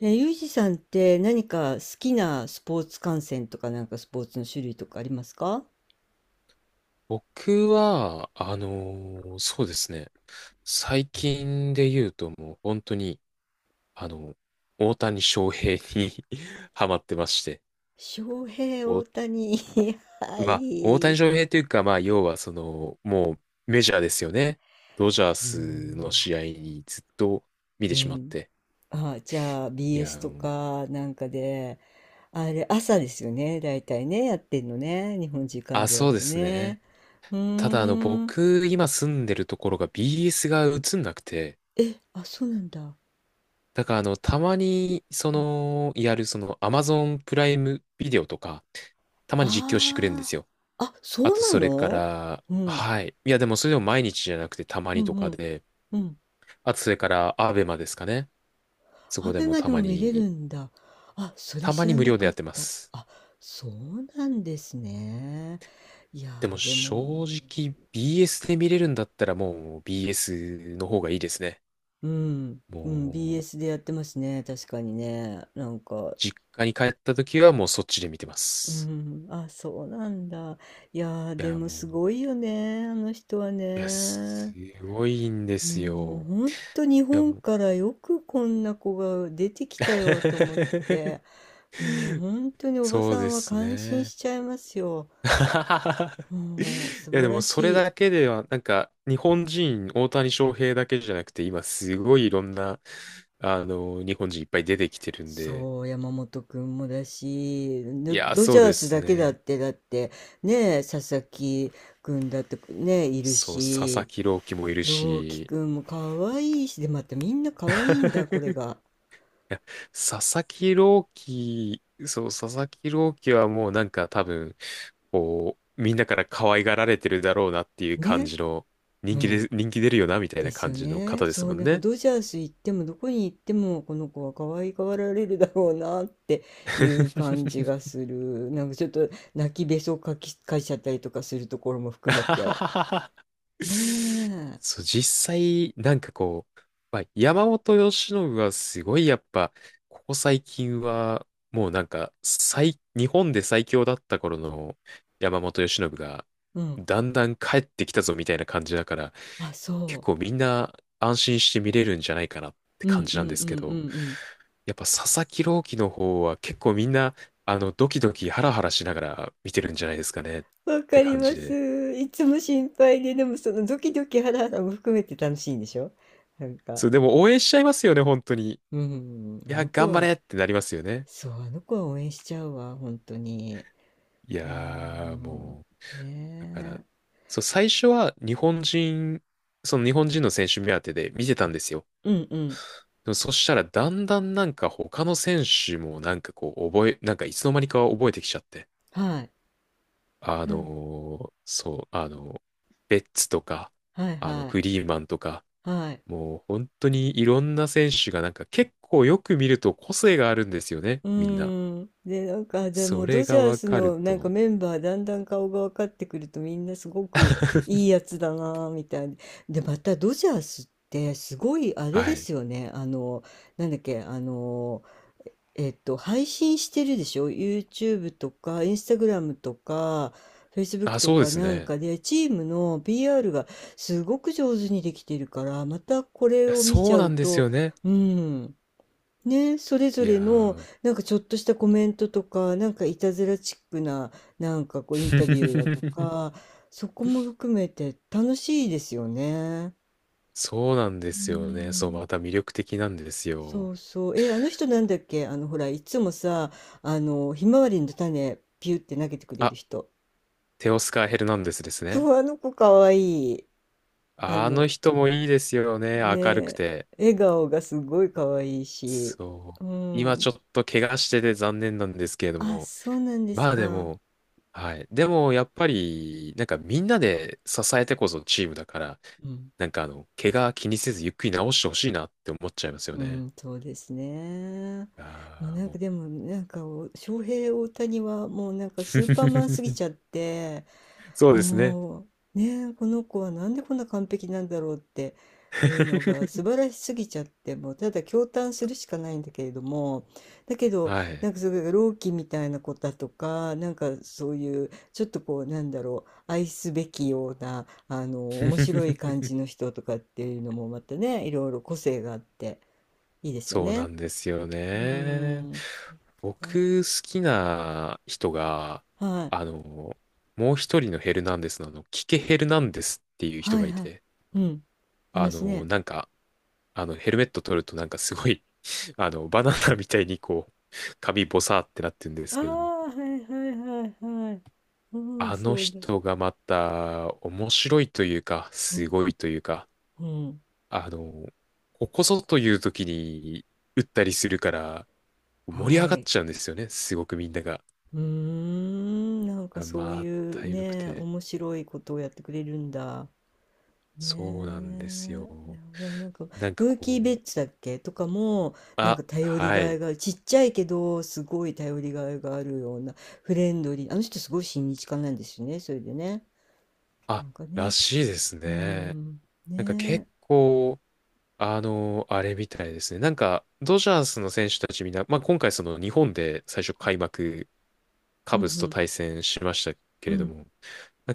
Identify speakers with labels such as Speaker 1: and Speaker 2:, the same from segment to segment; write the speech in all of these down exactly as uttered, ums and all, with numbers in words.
Speaker 1: え、ユージさんって何か好きなスポーツ観戦とかなんかスポーツの種類とかありますか？
Speaker 2: 僕は、あのーそうですね。最近で言うともう本当に、あの、大谷翔平に ハマってまして。
Speaker 1: 翔平、
Speaker 2: お、
Speaker 1: 大谷、は
Speaker 2: まあ、大谷
Speaker 1: い。
Speaker 2: 翔平というか、まあ、要はその、もうメジャーですよね。ドジャー
Speaker 1: うー
Speaker 2: スの
Speaker 1: ん。
Speaker 2: 試合にずっと見
Speaker 1: う
Speaker 2: てしまっ
Speaker 1: ん。
Speaker 2: て。
Speaker 1: あ、じゃあ
Speaker 2: いや、う
Speaker 1: ビーエス と
Speaker 2: ん、
Speaker 1: かなんかで、あれ朝ですよね。だいたいね、やってんのね。日本時間
Speaker 2: あ、
Speaker 1: でだ
Speaker 2: そうで
Speaker 1: と
Speaker 2: すね。
Speaker 1: ね。う
Speaker 2: ただ、あの、
Speaker 1: ーん。
Speaker 2: 僕、今住んでるところが ビーエス が映んなくて、
Speaker 1: え、あ、そうなんだ。あ
Speaker 2: だから、あの、たまに、その、やる、その、Amazon プライムビデオとか、たまに実況してくれるんで
Speaker 1: あ。
Speaker 2: すよ。
Speaker 1: あ、
Speaker 2: あ
Speaker 1: そう
Speaker 2: と、
Speaker 1: な
Speaker 2: それか
Speaker 1: の。
Speaker 2: ら、
Speaker 1: うん。
Speaker 2: はい。いや、でも、それでも毎日じゃなくて、たま
Speaker 1: う
Speaker 2: にと
Speaker 1: んう
Speaker 2: か
Speaker 1: ん。
Speaker 2: で、
Speaker 1: うん。
Speaker 2: あと、それから、アベマですかね。そ
Speaker 1: ア
Speaker 2: こで
Speaker 1: ベ
Speaker 2: も
Speaker 1: マ
Speaker 2: た
Speaker 1: で
Speaker 2: ま
Speaker 1: も見れる
Speaker 2: に、
Speaker 1: んだ。あ、それ
Speaker 2: たま
Speaker 1: 知
Speaker 2: に
Speaker 1: ら
Speaker 2: 無
Speaker 1: な
Speaker 2: 料で
Speaker 1: か
Speaker 2: や
Speaker 1: っ
Speaker 2: ってま
Speaker 1: た。
Speaker 2: す。
Speaker 1: あ、そうなんですね。いや
Speaker 2: でも、
Speaker 1: ー、で
Speaker 2: 正
Speaker 1: も、
Speaker 2: 直、ビーエス で見れるんだったら、もう、ビーエス の方がいいですね。
Speaker 1: うん、うん、
Speaker 2: もう、
Speaker 1: ビーエス でやってますね。確かにね。なんか、
Speaker 2: 実家に帰った時は、もう、そっちで見てま
Speaker 1: う
Speaker 2: す。
Speaker 1: ん、あ、そうなんだ。いやー、
Speaker 2: い
Speaker 1: で
Speaker 2: や、
Speaker 1: も
Speaker 2: も
Speaker 1: す
Speaker 2: う、
Speaker 1: ごいよね、あの人は
Speaker 2: いや、す
Speaker 1: ね。
Speaker 2: ごいんです
Speaker 1: もう、
Speaker 2: よ。
Speaker 1: ほんと日
Speaker 2: いや、
Speaker 1: 本
Speaker 2: もう
Speaker 1: からよくこんな子が出てきたよと思っ て、もう本当におば
Speaker 2: そう
Speaker 1: さ
Speaker 2: で
Speaker 1: んは
Speaker 2: す
Speaker 1: 感心
Speaker 2: ね。
Speaker 1: しちゃいますよ。うん、
Speaker 2: い
Speaker 1: 素
Speaker 2: や、
Speaker 1: 晴
Speaker 2: でも
Speaker 1: ら
Speaker 2: それ
Speaker 1: しい。
Speaker 2: だけでは、なんか、日本人、大谷翔平だけじゃなくて、今、すごいいろんな、あの、日本人いっぱい出てきてるんで、
Speaker 1: そう、山本君もだし、
Speaker 2: い
Speaker 1: ド、
Speaker 2: や、
Speaker 1: ドジ
Speaker 2: そう
Speaker 1: ャー
Speaker 2: で
Speaker 1: ス
Speaker 2: す
Speaker 1: だけだっ
Speaker 2: ね。
Speaker 1: て、だって、ねえ、佐々木君だってね、いる
Speaker 2: そう、佐々
Speaker 1: し、
Speaker 2: 木朗希もいる
Speaker 1: 朗希
Speaker 2: し、
Speaker 1: 君も可愛いし、で、またみんな可愛いんだ、これ
Speaker 2: い
Speaker 1: が。
Speaker 2: や佐々木朗希、そう、佐々木朗希はもうなんか多分、こう、みんなから可愛がられてるだろうなっていう感
Speaker 1: ね。
Speaker 2: じの、
Speaker 1: う
Speaker 2: 人気
Speaker 1: ん。
Speaker 2: で、人気出るよな、みたい
Speaker 1: で
Speaker 2: な
Speaker 1: す
Speaker 2: 感
Speaker 1: よ
Speaker 2: じの
Speaker 1: ね。
Speaker 2: 方です
Speaker 1: そう、
Speaker 2: もん
Speaker 1: なんか
Speaker 2: ね。
Speaker 1: ドジャース行っても、どこに行っても、この子は可愛がられるだろうなっていう感じが する。なんかちょっと泣きべそかき、かいちゃったりとかするところも含めて。ねえ。
Speaker 2: そう、実際、なんかこう、まあ、山本由伸はすごいやっぱ、ここ最近は、もうなんか、最、日本で最強だった頃の山本由伸が、
Speaker 1: うん。
Speaker 2: だんだん帰ってきたぞみたいな感じだから、
Speaker 1: あ、そ
Speaker 2: 結
Speaker 1: う。
Speaker 2: 構みんな安心して見れるんじゃないかなって
Speaker 1: う
Speaker 2: 感
Speaker 1: ん
Speaker 2: じ
Speaker 1: う
Speaker 2: なん
Speaker 1: ん
Speaker 2: で
Speaker 1: う
Speaker 2: すけ
Speaker 1: んうん
Speaker 2: ど、
Speaker 1: うん。
Speaker 2: やっぱ佐々木朗希の方は結構みんな、あの、ドキドキハラハラしながら見てるんじゃないですかねっ
Speaker 1: わ
Speaker 2: て
Speaker 1: かり
Speaker 2: 感じ
Speaker 1: ま
Speaker 2: で。
Speaker 1: す。いつも心配で、でもそのドキドキハラハラも含めて楽しいんでしょ、なんか。
Speaker 2: そう、でも応援しちゃいますよね、本当に。い
Speaker 1: うん、あ
Speaker 2: や、
Speaker 1: の子
Speaker 2: 頑張
Speaker 1: は、
Speaker 2: れってなりますよね。
Speaker 1: そう、あの子は応援しちゃうわ、本当に。
Speaker 2: い
Speaker 1: う
Speaker 2: やー、
Speaker 1: ん、
Speaker 2: もう、だか
Speaker 1: ね
Speaker 2: ら、
Speaker 1: え。
Speaker 2: そう、最初は日本人、その日本人の選手目当てで見てたんですよ。
Speaker 1: うんうん。
Speaker 2: でもそしたら、だんだんなんか他の選手もなんかこう、覚え、なんかいつの間にか覚えてきちゃって。
Speaker 1: はい。
Speaker 2: あ
Speaker 1: うん、
Speaker 2: のーそう、あのベッツとか、
Speaker 1: はい
Speaker 2: あの、
Speaker 1: は
Speaker 2: フ
Speaker 1: い。
Speaker 2: リーマンとか、
Speaker 1: はい。
Speaker 2: もう本当にいろんな選手がなんか結構よく見ると個性があるんですよね、
Speaker 1: う
Speaker 2: みんな。
Speaker 1: ん。で、なんか、じゃあも
Speaker 2: そ
Speaker 1: うド
Speaker 2: れ
Speaker 1: ジ
Speaker 2: が
Speaker 1: ャー
Speaker 2: わ
Speaker 1: ス
Speaker 2: かる
Speaker 1: のなんか
Speaker 2: と、
Speaker 1: メンバーだんだん顔が分かってくると、みんなすごくいいやつだなぁみたいな。で、またドジャースってすごいあれ
Speaker 2: は
Speaker 1: で
Speaker 2: い。
Speaker 1: すよね。あの、なんだっけ、あの、えっと、配信してるでしょ ?ユーチューブ とか、インスタグラム とか、
Speaker 2: あ、
Speaker 1: フェイスブック と
Speaker 2: そうで
Speaker 1: か
Speaker 2: す
Speaker 1: なん
Speaker 2: ね。
Speaker 1: かで、チームの ビーアール がすごく上手にできてるから、またこれ
Speaker 2: いや、
Speaker 1: を見ち
Speaker 2: そう
Speaker 1: ゃ
Speaker 2: な
Speaker 1: う
Speaker 2: んです
Speaker 1: と、
Speaker 2: よね。
Speaker 1: うん。ね、それぞ
Speaker 2: い
Speaker 1: れ
Speaker 2: や
Speaker 1: の
Speaker 2: ー
Speaker 1: なんかちょっとしたコメントとか、なんかいたずらチックな、なんかこうインタビューだと か、そこも含めて楽しいですよね。
Speaker 2: そうなんで
Speaker 1: うー
Speaker 2: すよね。そう、
Speaker 1: ん。
Speaker 2: また魅力的なんです
Speaker 1: そ
Speaker 2: よ。
Speaker 1: うそう。え、あの人なんだっけ、あの、ほら、いつもさ、あの、ひまわりの種、ピュって投げてくれる
Speaker 2: あ、
Speaker 1: 人。
Speaker 2: テオスカー・ヘルナンデスですね。
Speaker 1: そう、あの子かわいい。あ
Speaker 2: あ
Speaker 1: の、
Speaker 2: の人もいいですよね。明るく
Speaker 1: ね、
Speaker 2: て。
Speaker 1: 笑顔がすごいかわいいし。
Speaker 2: そ
Speaker 1: う
Speaker 2: う。今ち
Speaker 1: ん。
Speaker 2: ょっと怪我してて残念なんですけれど
Speaker 1: あ、
Speaker 2: も。
Speaker 1: そうなんです
Speaker 2: まあで
Speaker 1: か。
Speaker 2: も、はい。でも、やっぱり、なんかみんなで支えてこそチームだから、
Speaker 1: うん
Speaker 2: なんかあの、怪我気にせずゆっくり治してほしいなって思っちゃいますよ
Speaker 1: う
Speaker 2: ね。
Speaker 1: ん、そうですね。もう
Speaker 2: ああ、
Speaker 1: なんか
Speaker 2: も
Speaker 1: でも、なんかお翔平大谷はもうなんかスーパーマンすぎ
Speaker 2: う
Speaker 1: ちゃっ て、
Speaker 2: そうですね。
Speaker 1: もうね、この子はなんでこんな完璧なんだろうっていうのが 素晴らしすぎちゃって、もうただ驚嘆するしかないんだけれども、だけど、
Speaker 2: はい。
Speaker 1: なんかそれが朗希みたいな子だとか、なんかそういうちょっとこうなんだろう、愛すべきようなあの面白い感 じの人とかっていうのもまたね、いろいろ個性があって。いいですよ
Speaker 2: そうな
Speaker 1: ね。
Speaker 2: んですよ
Speaker 1: うー
Speaker 2: ね。
Speaker 1: ん。は
Speaker 2: 僕、好きな人が、
Speaker 1: い。
Speaker 2: あの、もう一人のヘルナンデスの、あの、キケ・ヘルナンデスっていう人
Speaker 1: は
Speaker 2: が
Speaker 1: い
Speaker 2: い
Speaker 1: はい。
Speaker 2: て、
Speaker 1: うん。いま
Speaker 2: あ
Speaker 1: す
Speaker 2: の、
Speaker 1: ね。
Speaker 2: なんか、あの、ヘルメット取るとなんかすごい、あの、バナナみたいにこう、髪ボサーってなってるんで
Speaker 1: あ
Speaker 2: すけども、
Speaker 1: あ、はいはいはいはい。うん、
Speaker 2: あの
Speaker 1: そうだ。
Speaker 2: 人がまた面白いというか、
Speaker 1: う
Speaker 2: す
Speaker 1: ん、
Speaker 2: ごいというか、
Speaker 1: うん。
Speaker 2: あの、ここぞという時に打ったりするから、盛り
Speaker 1: は
Speaker 2: 上がっ
Speaker 1: い。
Speaker 2: ちゃうんですよね。すごくみんなが。
Speaker 1: うーん、なんか
Speaker 2: あ
Speaker 1: そう
Speaker 2: ま
Speaker 1: い
Speaker 2: あ、
Speaker 1: う
Speaker 2: 体力
Speaker 1: ね、
Speaker 2: て。
Speaker 1: 面白いことをやってくれるんだ。
Speaker 2: そうなんです
Speaker 1: ね
Speaker 2: よ。
Speaker 1: え。いやでもなんか、
Speaker 2: なんか
Speaker 1: ムーキー・ベ
Speaker 2: こう、
Speaker 1: ッツだっけとかも、なんか
Speaker 2: あ、
Speaker 1: 頼り
Speaker 2: は
Speaker 1: がい
Speaker 2: い。
Speaker 1: がある。ちっちゃいけど、すごい頼りがいがあるような、フレンドリー。あの人すごい親日家なんですよね、それでね。な
Speaker 2: あ、
Speaker 1: んか
Speaker 2: ら
Speaker 1: ね、
Speaker 2: しいです
Speaker 1: うー
Speaker 2: ね。
Speaker 1: ん、
Speaker 2: なんか結
Speaker 1: ねえ、
Speaker 2: 構、あの、あれみたいですね。なんか、ドジャースの選手たちみんな、まあ今回その日本で最初開幕
Speaker 1: う
Speaker 2: カ
Speaker 1: んう
Speaker 2: ブスと
Speaker 1: ん、
Speaker 2: 対戦しましたけ
Speaker 1: う
Speaker 2: れど
Speaker 1: ん、
Speaker 2: も、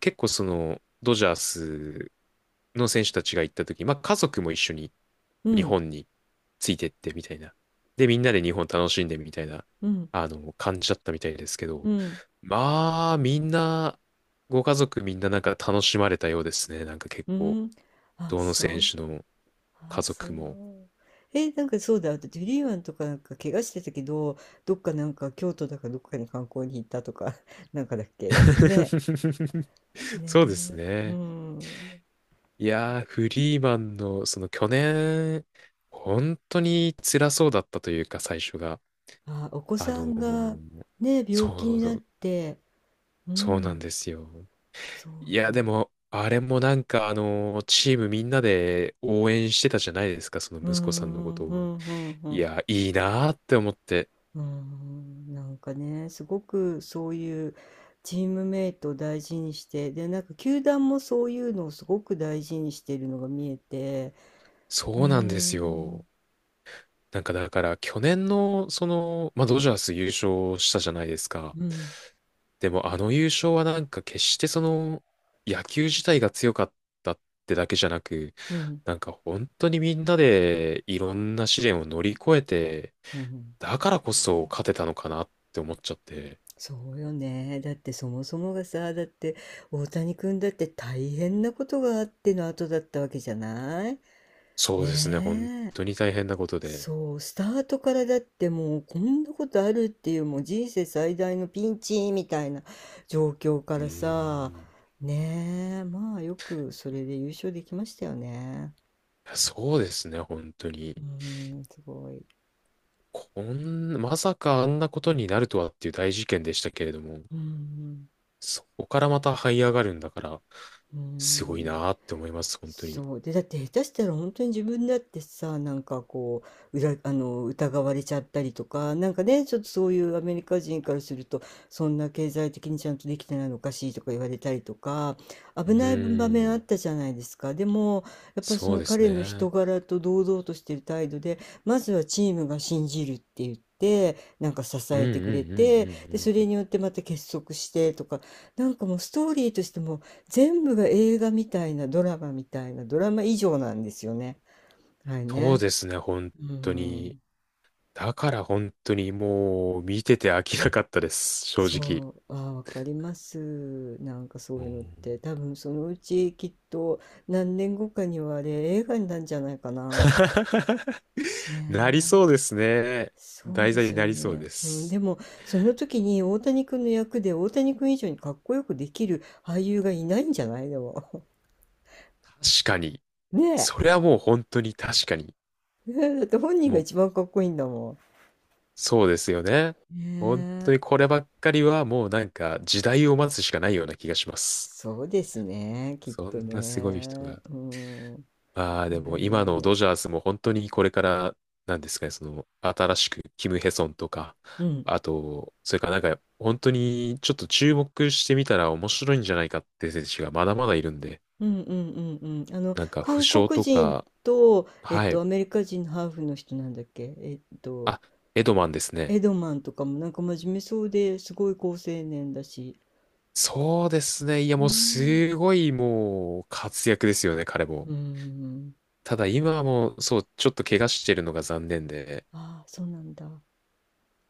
Speaker 2: 結構その、ドジャースの選手たちが行った時、まあ家族も一緒に
Speaker 1: う
Speaker 2: 日
Speaker 1: ん、
Speaker 2: 本についてってみたいな。で、みんなで日本楽しんでみたいな、
Speaker 1: うん、
Speaker 2: あの、感じだったみたいですけ
Speaker 1: う
Speaker 2: ど、
Speaker 1: ん、
Speaker 2: まあ、みんな、ご家族みんななんか楽しまれたようですね。なんか結
Speaker 1: う
Speaker 2: 構、
Speaker 1: ん。あ、
Speaker 2: どの
Speaker 1: そ
Speaker 2: 選
Speaker 1: う、
Speaker 2: 手の
Speaker 1: あ、
Speaker 2: 家
Speaker 1: そ
Speaker 2: 族も。
Speaker 1: う。え、なんかそうだ、だってフリーマンとかなんか怪我してたけど、どっかなんか京都だかどっかに観光に行ったとか、なんかだっけ、なんかね、ね
Speaker 2: そうです
Speaker 1: え、う
Speaker 2: ね。
Speaker 1: ん。
Speaker 2: いやー、フリーマンの、その去年、本当に辛そうだったというか、最初が。
Speaker 1: あ、お子
Speaker 2: あ
Speaker 1: さ
Speaker 2: の
Speaker 1: んが
Speaker 2: ー
Speaker 1: ね、病気
Speaker 2: そ
Speaker 1: に
Speaker 2: うそ
Speaker 1: なっ
Speaker 2: う、
Speaker 1: て、う
Speaker 2: そうなん
Speaker 1: ん、
Speaker 2: ですよ。
Speaker 1: そ
Speaker 2: い
Speaker 1: うだ。
Speaker 2: や、でも、あれもなんか、あのーチームみんなで応援してたじゃないですか、その
Speaker 1: う
Speaker 2: 息子さんのこと
Speaker 1: ん、う
Speaker 2: を。
Speaker 1: ん、うん、う
Speaker 2: い
Speaker 1: ん。
Speaker 2: や、いいなーって思って。
Speaker 1: うーん、なんかね、すごくそういうチームメイトを大事にして、で、なんか球団もそういうのをすごく大事にしているのが見えて、うー
Speaker 2: そうなんですよ。
Speaker 1: ん、
Speaker 2: なんかだから、去年の、その、まあ、ドジャース優勝したじゃないですか。
Speaker 1: うん、
Speaker 2: でも、あの優勝はなんか決してその、野球自体が強かったってだけじゃなく、
Speaker 1: うん、
Speaker 2: なんか本当にみんなでいろんな試練を乗り越えて、
Speaker 1: うん、
Speaker 2: だからこそ勝てたのかなって思っちゃって、
Speaker 1: そうよね。だってそもそもがさ、だって大谷君だって大変なことがあっての後だったわけじゃない。
Speaker 2: そうですね、本
Speaker 1: ねえ。
Speaker 2: 当に大変なことで。
Speaker 1: そう、スタートからだってもうこんなことあるっていう、もう人生最大のピンチみたいな状況か
Speaker 2: うー
Speaker 1: らさ、
Speaker 2: ん、
Speaker 1: ねえ、まあよくそれで優勝できましたよね。
Speaker 2: そうですね、本当
Speaker 1: う
Speaker 2: に。
Speaker 1: ん、すごい。
Speaker 2: こん、まさかあんなことになるとはっていう大事件でしたけれども、
Speaker 1: うん、
Speaker 2: そこからまた這い上がるんだから、
Speaker 1: う
Speaker 2: すごい
Speaker 1: ん。
Speaker 2: なーって思います、本当に。
Speaker 1: そうで、だって下手したら本当に自分だってさ、なんかこう裏、あの疑われちゃったりとか、なんかね、ちょっとそういうアメリカ人からすると、そんな経済的にちゃんとできてないのおかしいとか言われたりとか、
Speaker 2: う
Speaker 1: 危ない場面
Speaker 2: ー
Speaker 1: あっ
Speaker 2: ん、
Speaker 1: たじゃないですか。でも、やっぱりそ
Speaker 2: そう
Speaker 1: の
Speaker 2: です
Speaker 1: 彼の人
Speaker 2: ね。
Speaker 1: 柄と堂々としてる態度で、まずはチームが信じるって言って。なんか支
Speaker 2: うんう
Speaker 1: えてくれ
Speaker 2: んうんう
Speaker 1: て、
Speaker 2: んう
Speaker 1: で、そ
Speaker 2: んう
Speaker 1: れ
Speaker 2: ん。
Speaker 1: によってまた結束してとか、なんかもうストーリーとしても全部が映画みたいな、ドラマみたいな、ドラマ以上なんですよね。はい
Speaker 2: そう
Speaker 1: ね。
Speaker 2: ですね、本
Speaker 1: う
Speaker 2: 当に。
Speaker 1: ん。
Speaker 2: だから本当にもう見てて飽きなかったです、正直。
Speaker 1: そう、あーわかります。なんかそう
Speaker 2: う
Speaker 1: いう
Speaker 2: ん
Speaker 1: のって、多分そのうちきっと何年後かにはあれ、映画になるんじゃないかな。ね
Speaker 2: なり
Speaker 1: え。
Speaker 2: そうですね。
Speaker 1: そう
Speaker 2: 題
Speaker 1: で
Speaker 2: 材
Speaker 1: す
Speaker 2: に
Speaker 1: よ
Speaker 2: なりそう
Speaker 1: ね。
Speaker 2: で
Speaker 1: うん、で
Speaker 2: す。
Speaker 1: も、その時に大谷君の役で大谷君以上にかっこよくできる俳優がいないんじゃないでも。
Speaker 2: 確かに。
Speaker 1: ね
Speaker 2: それはもう本当に確かに。
Speaker 1: え。ねえ、だって本人が
Speaker 2: もう
Speaker 1: 一番かっこいいんだも
Speaker 2: そうですよね。
Speaker 1: ん。
Speaker 2: 本
Speaker 1: ね
Speaker 2: 当
Speaker 1: え。
Speaker 2: にこればっかりはもうなんか時代を待つしかないような気がします。
Speaker 1: そうですね、きっ
Speaker 2: そ
Speaker 1: と
Speaker 2: んなすごい人
Speaker 1: ね。
Speaker 2: が。
Speaker 1: うん。
Speaker 2: ああ、で
Speaker 1: いや
Speaker 2: も
Speaker 1: い
Speaker 2: 今
Speaker 1: やい
Speaker 2: の
Speaker 1: や。
Speaker 2: ドジャースも本当にこれから、なんですかね、その新しくキム・ヘソンとか、
Speaker 1: うん。
Speaker 2: あと、それからなんか本当にちょっと注目してみたら面白いんじゃないかって選手がまだまだいるんで、
Speaker 1: うんうんうんうん。あの、
Speaker 2: なんか負
Speaker 1: 韓
Speaker 2: 傷
Speaker 1: 国
Speaker 2: と
Speaker 1: 人
Speaker 2: か、
Speaker 1: と、えっ
Speaker 2: は
Speaker 1: と、
Speaker 2: い。
Speaker 1: アメリカ人のハーフの人なんだっけ、えっと、
Speaker 2: あ、エドマンですね。
Speaker 1: エドマンとかもなんか真面目そうですごい好青年だし。
Speaker 2: そうですね。いやもう
Speaker 1: ね
Speaker 2: すごいもう活躍ですよね、彼
Speaker 1: え。
Speaker 2: も。
Speaker 1: うん。
Speaker 2: ただ今はもう、そう、ちょっと怪我してるのが残念で、
Speaker 1: ああ、そうなんだ。は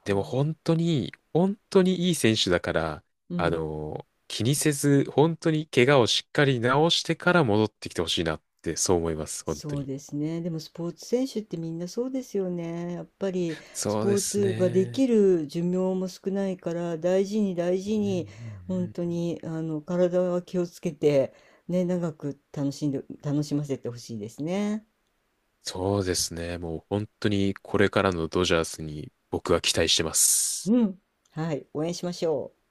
Speaker 2: でも
Speaker 1: あ
Speaker 2: 本当に、本当にいい選手だから、
Speaker 1: う
Speaker 2: あ
Speaker 1: ん。
Speaker 2: の、気にせず、本当に怪我をしっかり治してから戻ってきてほしいなって、そう思います、本
Speaker 1: そ
Speaker 2: 当
Speaker 1: う
Speaker 2: に。
Speaker 1: ですね。でもスポーツ選手ってみんなそうですよね。やっぱりス
Speaker 2: そう
Speaker 1: ポ
Speaker 2: で
Speaker 1: ー
Speaker 2: す
Speaker 1: ツができ
Speaker 2: ね。
Speaker 1: る寿命も少ないから大事に大事
Speaker 2: うんうんう
Speaker 1: に本
Speaker 2: ん
Speaker 1: 当
Speaker 2: うん、
Speaker 1: にあの体は気をつけてね、長く楽しんで、楽しませてほしいですね。
Speaker 2: そうですね。もう本当にこれからのドジャースに僕は期待してます。
Speaker 1: うん。はい。応援しましょう。